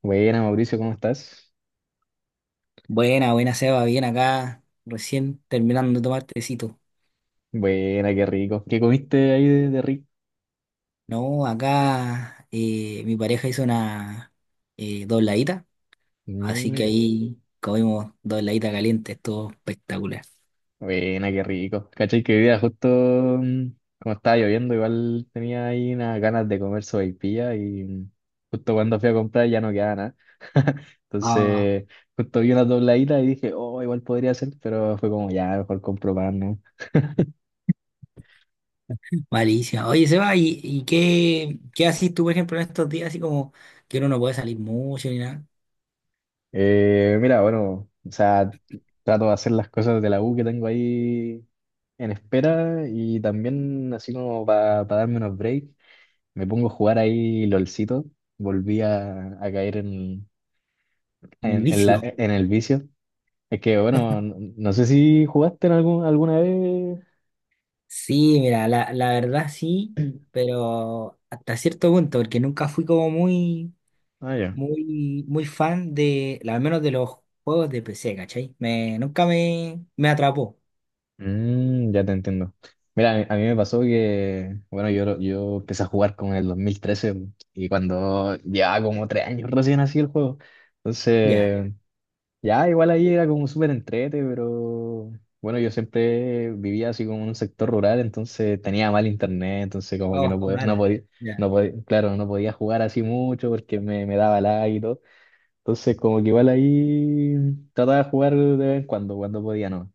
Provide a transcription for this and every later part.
Buena, Mauricio, ¿cómo estás? Buena, buena Seba, bien acá, recién terminando de tomar tecito. Buena, qué rico. ¿Qué comiste ahí de rico? No, acá mi pareja hizo una dobladita, así que Mira, ahí comimos dobladita caliente, estuvo espectacular. buena, qué rico. ¿Cachai? Que hoy día justo como estaba lloviendo, igual tenía ahí unas ganas de comer sopaipilla y justo cuando fui a comprar ya no quedaba nada. Ah, Entonces, justo vi una dobladita y dije, oh, igual podría ser, pero fue como, ya, mejor compro pan, ¿no? malísima. Oye Seba, ¿y qué, qué haces tú, por ejemplo, en estos días, así como que uno no puede salir mucho ni nada? Mira, bueno, o sea, trato de hacer las cosas de la U que tengo ahí en espera y también así como para darme unos breaks, me pongo a jugar ahí LOLcito, volví a caer en, En el en, en la- vicio. en el vicio. Es que bueno, no, no sé si jugaste en alguna vez. Sí, mira, la verdad sí, pero hasta cierto punto, porque nunca fui como muy Ah, ya. muy fan de, al menos de los juegos de PC, ¿cachai? Me, nunca me atrapó. Mm, ya te entiendo. Mira, a mí me pasó que, bueno, yo, yo empecé a jugar con el 2013 y cuando llevaba como tres años recién así el juego. Ya. Entonces... Ya, igual ahí era como súper entrete, pero bueno, yo siempre vivía así como en un sector rural, entonces tenía mal internet, entonces como que no Oh, podía, no mala. podía, Ya, no podía, claro, no podía jugar así mucho porque me daba lag y todo. Entonces como que igual ahí trataba de jugar de vez en cuando, cuando podía, ¿no?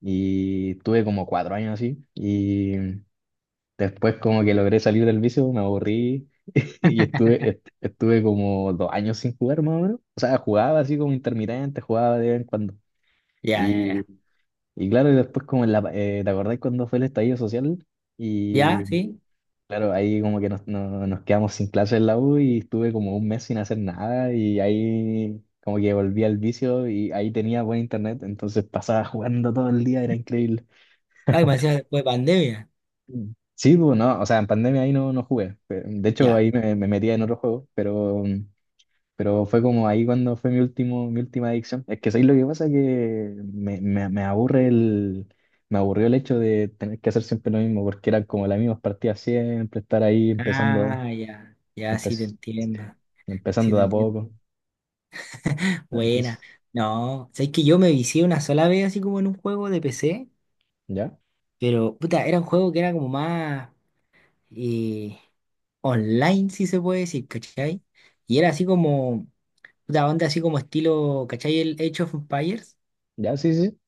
Y tuve como cuatro años así y después como que logré salir del vicio, me aburrí y estuve como dos años sin jugar más o menos. O sea, jugaba así como intermitente, jugaba de vez en cuando. ya, ya, Y, ya. y claro, y después como en ¿te acordáis cuando fue el estallido social? Ya, Y sí. claro, ahí como que nos quedamos sin clases en la U y estuve como un mes sin hacer nada y ahí como que volví al vicio y ahí tenía buen internet, entonces pasaba jugando todo el día, era increíble. Ay, me decía después de pandemia. Sí, pues, no, o sea, en pandemia ahí no, no jugué. De hecho, Ya. ahí me metía en otro juego, pero pero fue como ahí cuando fue mi último, mi última adicción. Es que ¿sabes lo que pasa? Que me aburre el, me aburrió el hecho de tener que hacer siempre lo mismo, porque eran como las mismas partidas siempre, estar ahí Ah, ya. Ya, sí te empe- entiendo. Sí empezando de te a entiendo. poco. Buena. Entonces, No, sabes que yo me vicié una sola vez así como en un juego de PC, ¿ya? pero puta, era un juego que era como más eh, online, si se puede decir, ¿cachai? Y era así como puta, onda así como estilo, ¿cachai? El Age of Empires. ¿Ya? Sí, sí.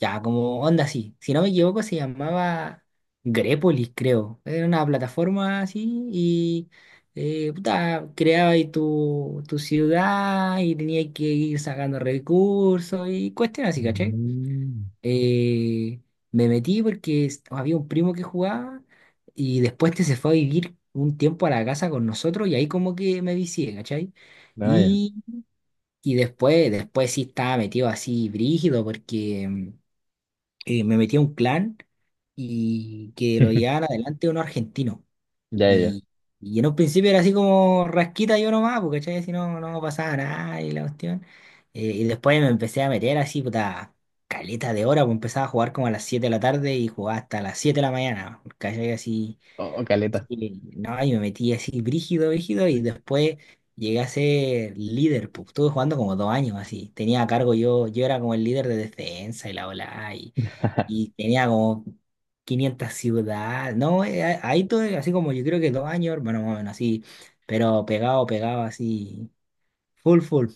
Ya, como onda así. Si no me equivoco, se llamaba Grepolis, creo. Era una plataforma así y puta, creaba ahí tu ciudad y tenía que ir sacando recursos y cuestiones así, ¿cachai? Mm. Eh, me metí porque había un primo que jugaba y después te se fue a vivir un tiempo a la casa con nosotros y ahí como que me vicié, ¿cachai? Ah, ya. Y después, después sí estaba metido así brígido porque me metí a un clan y que lo llevaban adelante unos argentinos. Ya, ya, ya. Y, y en un principio era así como rasquita yo nomás, porque ¿cachai? Si no, no pasaba nada y la cuestión. Y después me empecé a meter así, puta, caleta de hora, pues empezaba a jugar como a las 7 de la tarde y jugaba hasta las 7 de la mañana, ¿cachai? Así Oh, oh, caleta. sí, no, y me metí así brígido, brígido, y después llegué a ser líder, pues estuve jugando como 2 años así, tenía a cargo yo, yo era como el líder de defensa y la ola y tenía como 500 ciudades, no, ahí todo, así como yo creo que 2 años, bueno, más o menos así, pero pegado, pegado así, full, full.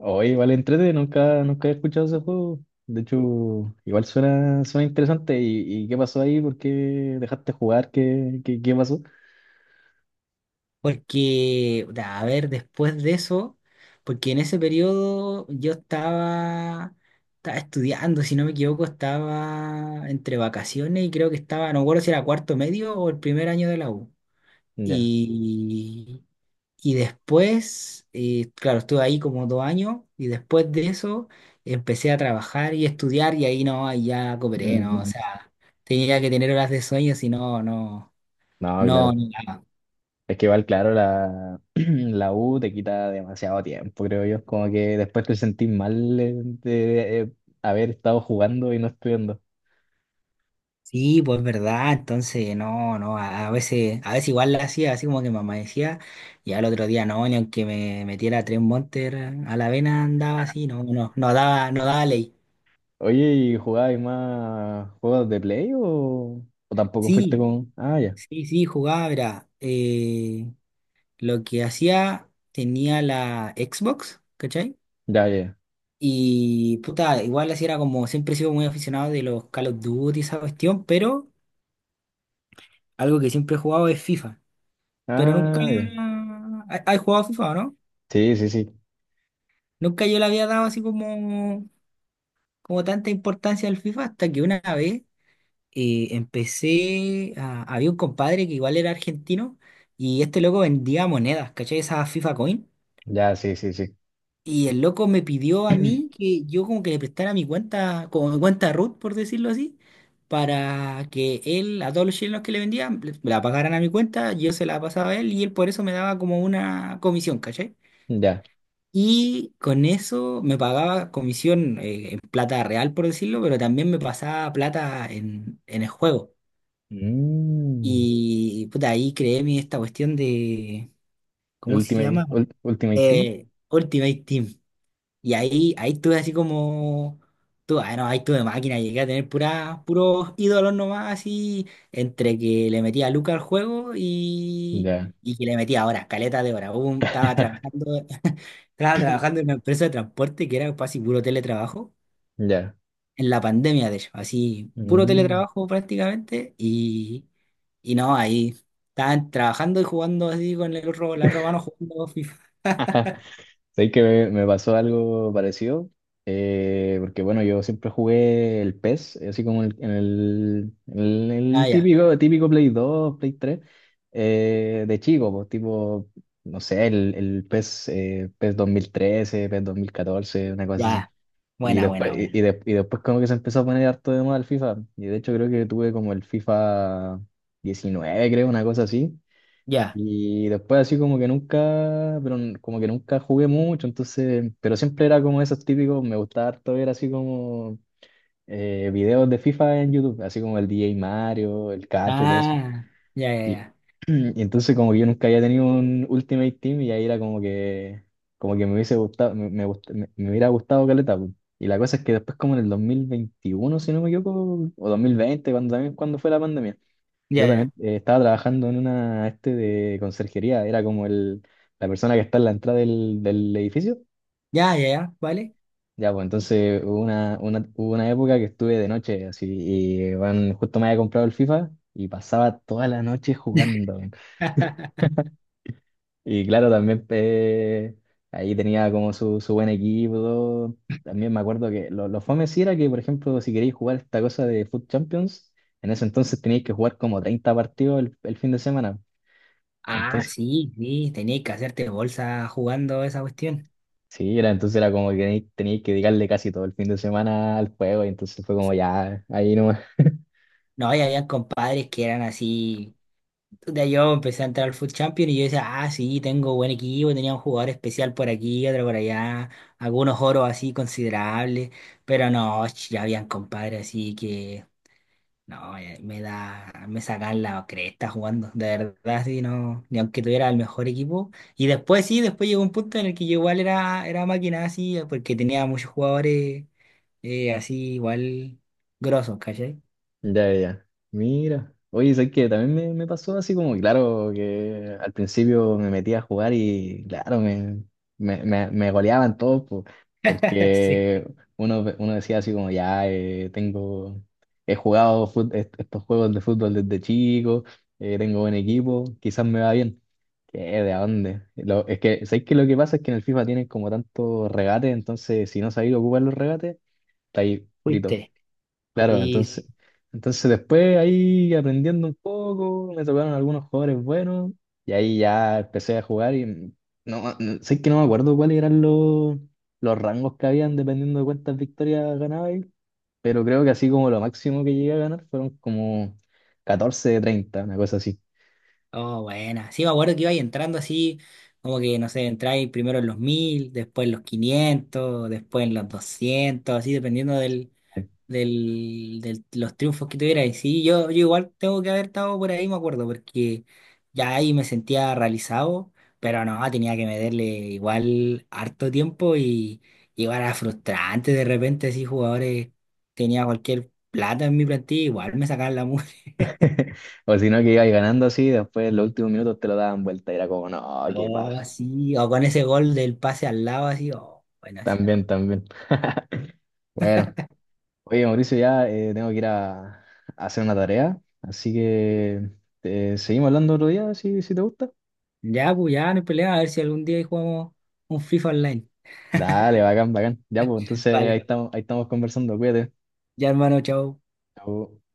Oh, igual entrete, nunca he escuchado ese juego. De hecho, igual suena, suena interesante. Y qué pasó ahí? ¿Por qué dejaste jugar? ¿ qué pasó? Porque, da, a ver, después de eso, porque en ese periodo yo estaba, estaba estudiando, si no me equivoco, estaba entre vacaciones y creo que estaba, no me acuerdo si era cuarto medio o el primer año de la U. Ya. Y, y después, claro, estuve ahí como 2 años y después de eso empecé a trabajar y estudiar y ahí no, ahí ya cooperé, ¿no? O Mm. sea, tenía que tener horas de sueño, si no, no, No, no. claro. Es que igual, claro, la, la U te quita demasiado tiempo, creo yo. Como que después te sentís mal haber estado jugando y no estudiando. Sí, pues verdad, entonces no, no, a veces igual la hacía, así como que me amanecía, y al otro día no, ni aunque me metiera 3 Monster a la vena andaba así, no, no, no daba, no daba ley. Oye, ¿y jugabas más juegos de play o tampoco fuiste Sí, con... Ah, ya. sí, sí, jugaba, era, lo que hacía, tenía la Xbox, ¿cachai? Ya, ya, ya. Y puta, igual así era como, siempre he sido muy aficionado de los Call of Duty, y esa cuestión, pero algo que siempre he jugado es FIFA, pero nunca, Ah, ya. ¿has jugado FIFA, o no? Sí, sí, sí. Nunca yo le había dado así como, como tanta importancia al FIFA hasta que una vez había un compadre que igual era argentino y este loco vendía monedas, ¿cachai? Esa FIFA Coin. Ya, sí, sí, sí. Y el loco me pidió a mí que yo como que le prestara mi cuenta, como mi cuenta root, por decirlo así, para que él, a todos los chilenos que le vendían, la pagaran a mi cuenta, yo se la pasaba a él y él por eso me daba como una comisión, ¿cachai? Ya. Y con eso me pagaba comisión en plata real, por decirlo, pero también me pasaba plata en el juego. Mm. Y puta, ahí creé mi, esta cuestión de, ¿cómo se llama? Ultimate Team. Ultimate Team. Y ahí, ahí tuve así como, tu, ah, no, ahí tuve máquina, llegué a tener pura, puros ídolos nomás, así, entre que le metía Luca al juego Ya, y que le metía horas, caleta de horas. Estaba trabajando. Estaba trabajando en una empresa de transporte que era casi puro teletrabajo, ya. en la pandemia de hecho, así puro Mm. teletrabajo prácticamente y no, ahí estaban trabajando y jugando así con el otro, la otra mano jugando FIFA. Sé que me pasó algo parecido, porque bueno, yo siempre jugué el PES, así como Ah, el ya, típico, típico Play 2, Play 3, de chico, pues, tipo, no sé, el PES, PES 2013, PES 2014, una cosa así. ya, Y buena, después, buena, buena, y de- y después como que se empezó a poner harto de moda el FIFA, y de hecho creo que tuve como el FIFA 19, creo, una cosa así. ya, Y después así como que nunca, pero como que nunca jugué mucho, entonces, pero siempre era como esos típicos, me gustaba harto ver así como videos de FIFA en YouTube, así como el DJ Mario, el Cacho, todo eso. ah, ya, Y, ya, y entonces como que yo nunca había tenido un Ultimate Team y ahí era como como que me hubiese gustado, me hubiera gustado caleta, pues. Y la cosa es que después como en el 2021, si no me equivoco, o 2020, cuando también cuando fue la pandemia. Yo ya, ya, también ya, estaba trabajando en una este de conserjería, era como el, la persona que está en la entrada del edificio. ya, ya, ya, ¿vale? Ya, pues entonces hubo hubo una época que estuve de noche, así, y bueno, justo me había comprado el FIFA y pasaba toda la noche jugando, weón. Y claro, también ahí tenía como su buen equipo, todo. También me acuerdo que lo fome sí era que, por ejemplo, si queréis jugar esta cosa de Foot Champions, en ese entonces teníais que jugar como 30 partidos el fin de semana. Ah, Entonces, sí, sí, tenías que hacerte bolsa jugando esa cuestión. sí, era, entonces era como que tenía que dedicarle casi todo el fin de semana al juego y entonces fue como ya, ahí no. No, y había compadres que eran así. Puta, yo empecé a entrar al Food Champions y yo decía, ah, sí, tengo buen equipo, tenía un jugador especial por aquí, otro por allá, algunos oros así considerables, pero no, ch, ya habían compadres así que, no, me da, me sacan la cresta jugando, de verdad, sí, no, ni aunque tuviera el mejor equipo. Y después sí, después llegó un punto en el que yo igual era, era máquina así, porque tenía muchos jugadores así igual grosos, ¿cachai? Ya, ya. Mira. Oye, ¿sabes qué? También me pasó así como, claro, que al principio me metí a jugar y, claro, me goleaban todos, po, Sí, porque uno decía así como, ya, tengo, he jugado estos juegos de fútbol desde chico, tengo buen equipo, quizás me va bien. ¿Qué? ¿De dónde? Es que, ¿sabes qué? Lo que pasa es que en el FIFA tienen como tantos regates, entonces si no sabéis ocupar los regates, estáis fritos. fuiste. Claro, Y entonces, entonces después ahí aprendiendo un poco, me tocaron algunos jugadores buenos y ahí ya empecé a jugar y no, sé que no me acuerdo cuáles eran los rangos que habían dependiendo de cuántas victorias pero creo que así como lo máximo que llegué a ganar fueron como 14 de 30, una cosa así. oh, buena. Sí, me acuerdo que iba ahí entrando así, como que, no sé, entráis primero en los 1000 después en los 500 después en los 200 así dependiendo del, del, los triunfos que tuvierais. Sí, yo igual tengo que haber estado por ahí, me acuerdo, porque ya ahí me sentía realizado, pero no, tenía que meterle igual harto tiempo y igual era frustrante de repente, así jugadores, tenía cualquier plata en mi plantilla, igual me sacaban la O si no, que ibas ganando así, después en los últimos minutos te lo daban vuelta y era como, no, qué no, paja. así, o con ese gol del pase al lado, así, o bueno, así, no. También, también. Bueno. Oye, Mauricio, ya tengo que ir a hacer una tarea, así que seguimos hablando otro día, si, si te gusta. Ya, pues ya, no hay pelea, a ver si algún día ahí jugamos un FIFA online. Dale, bacán, bacán. Ya, pues entonces Vale, ahí estamos conversando, cuídate. ya hermano, chao. Chau.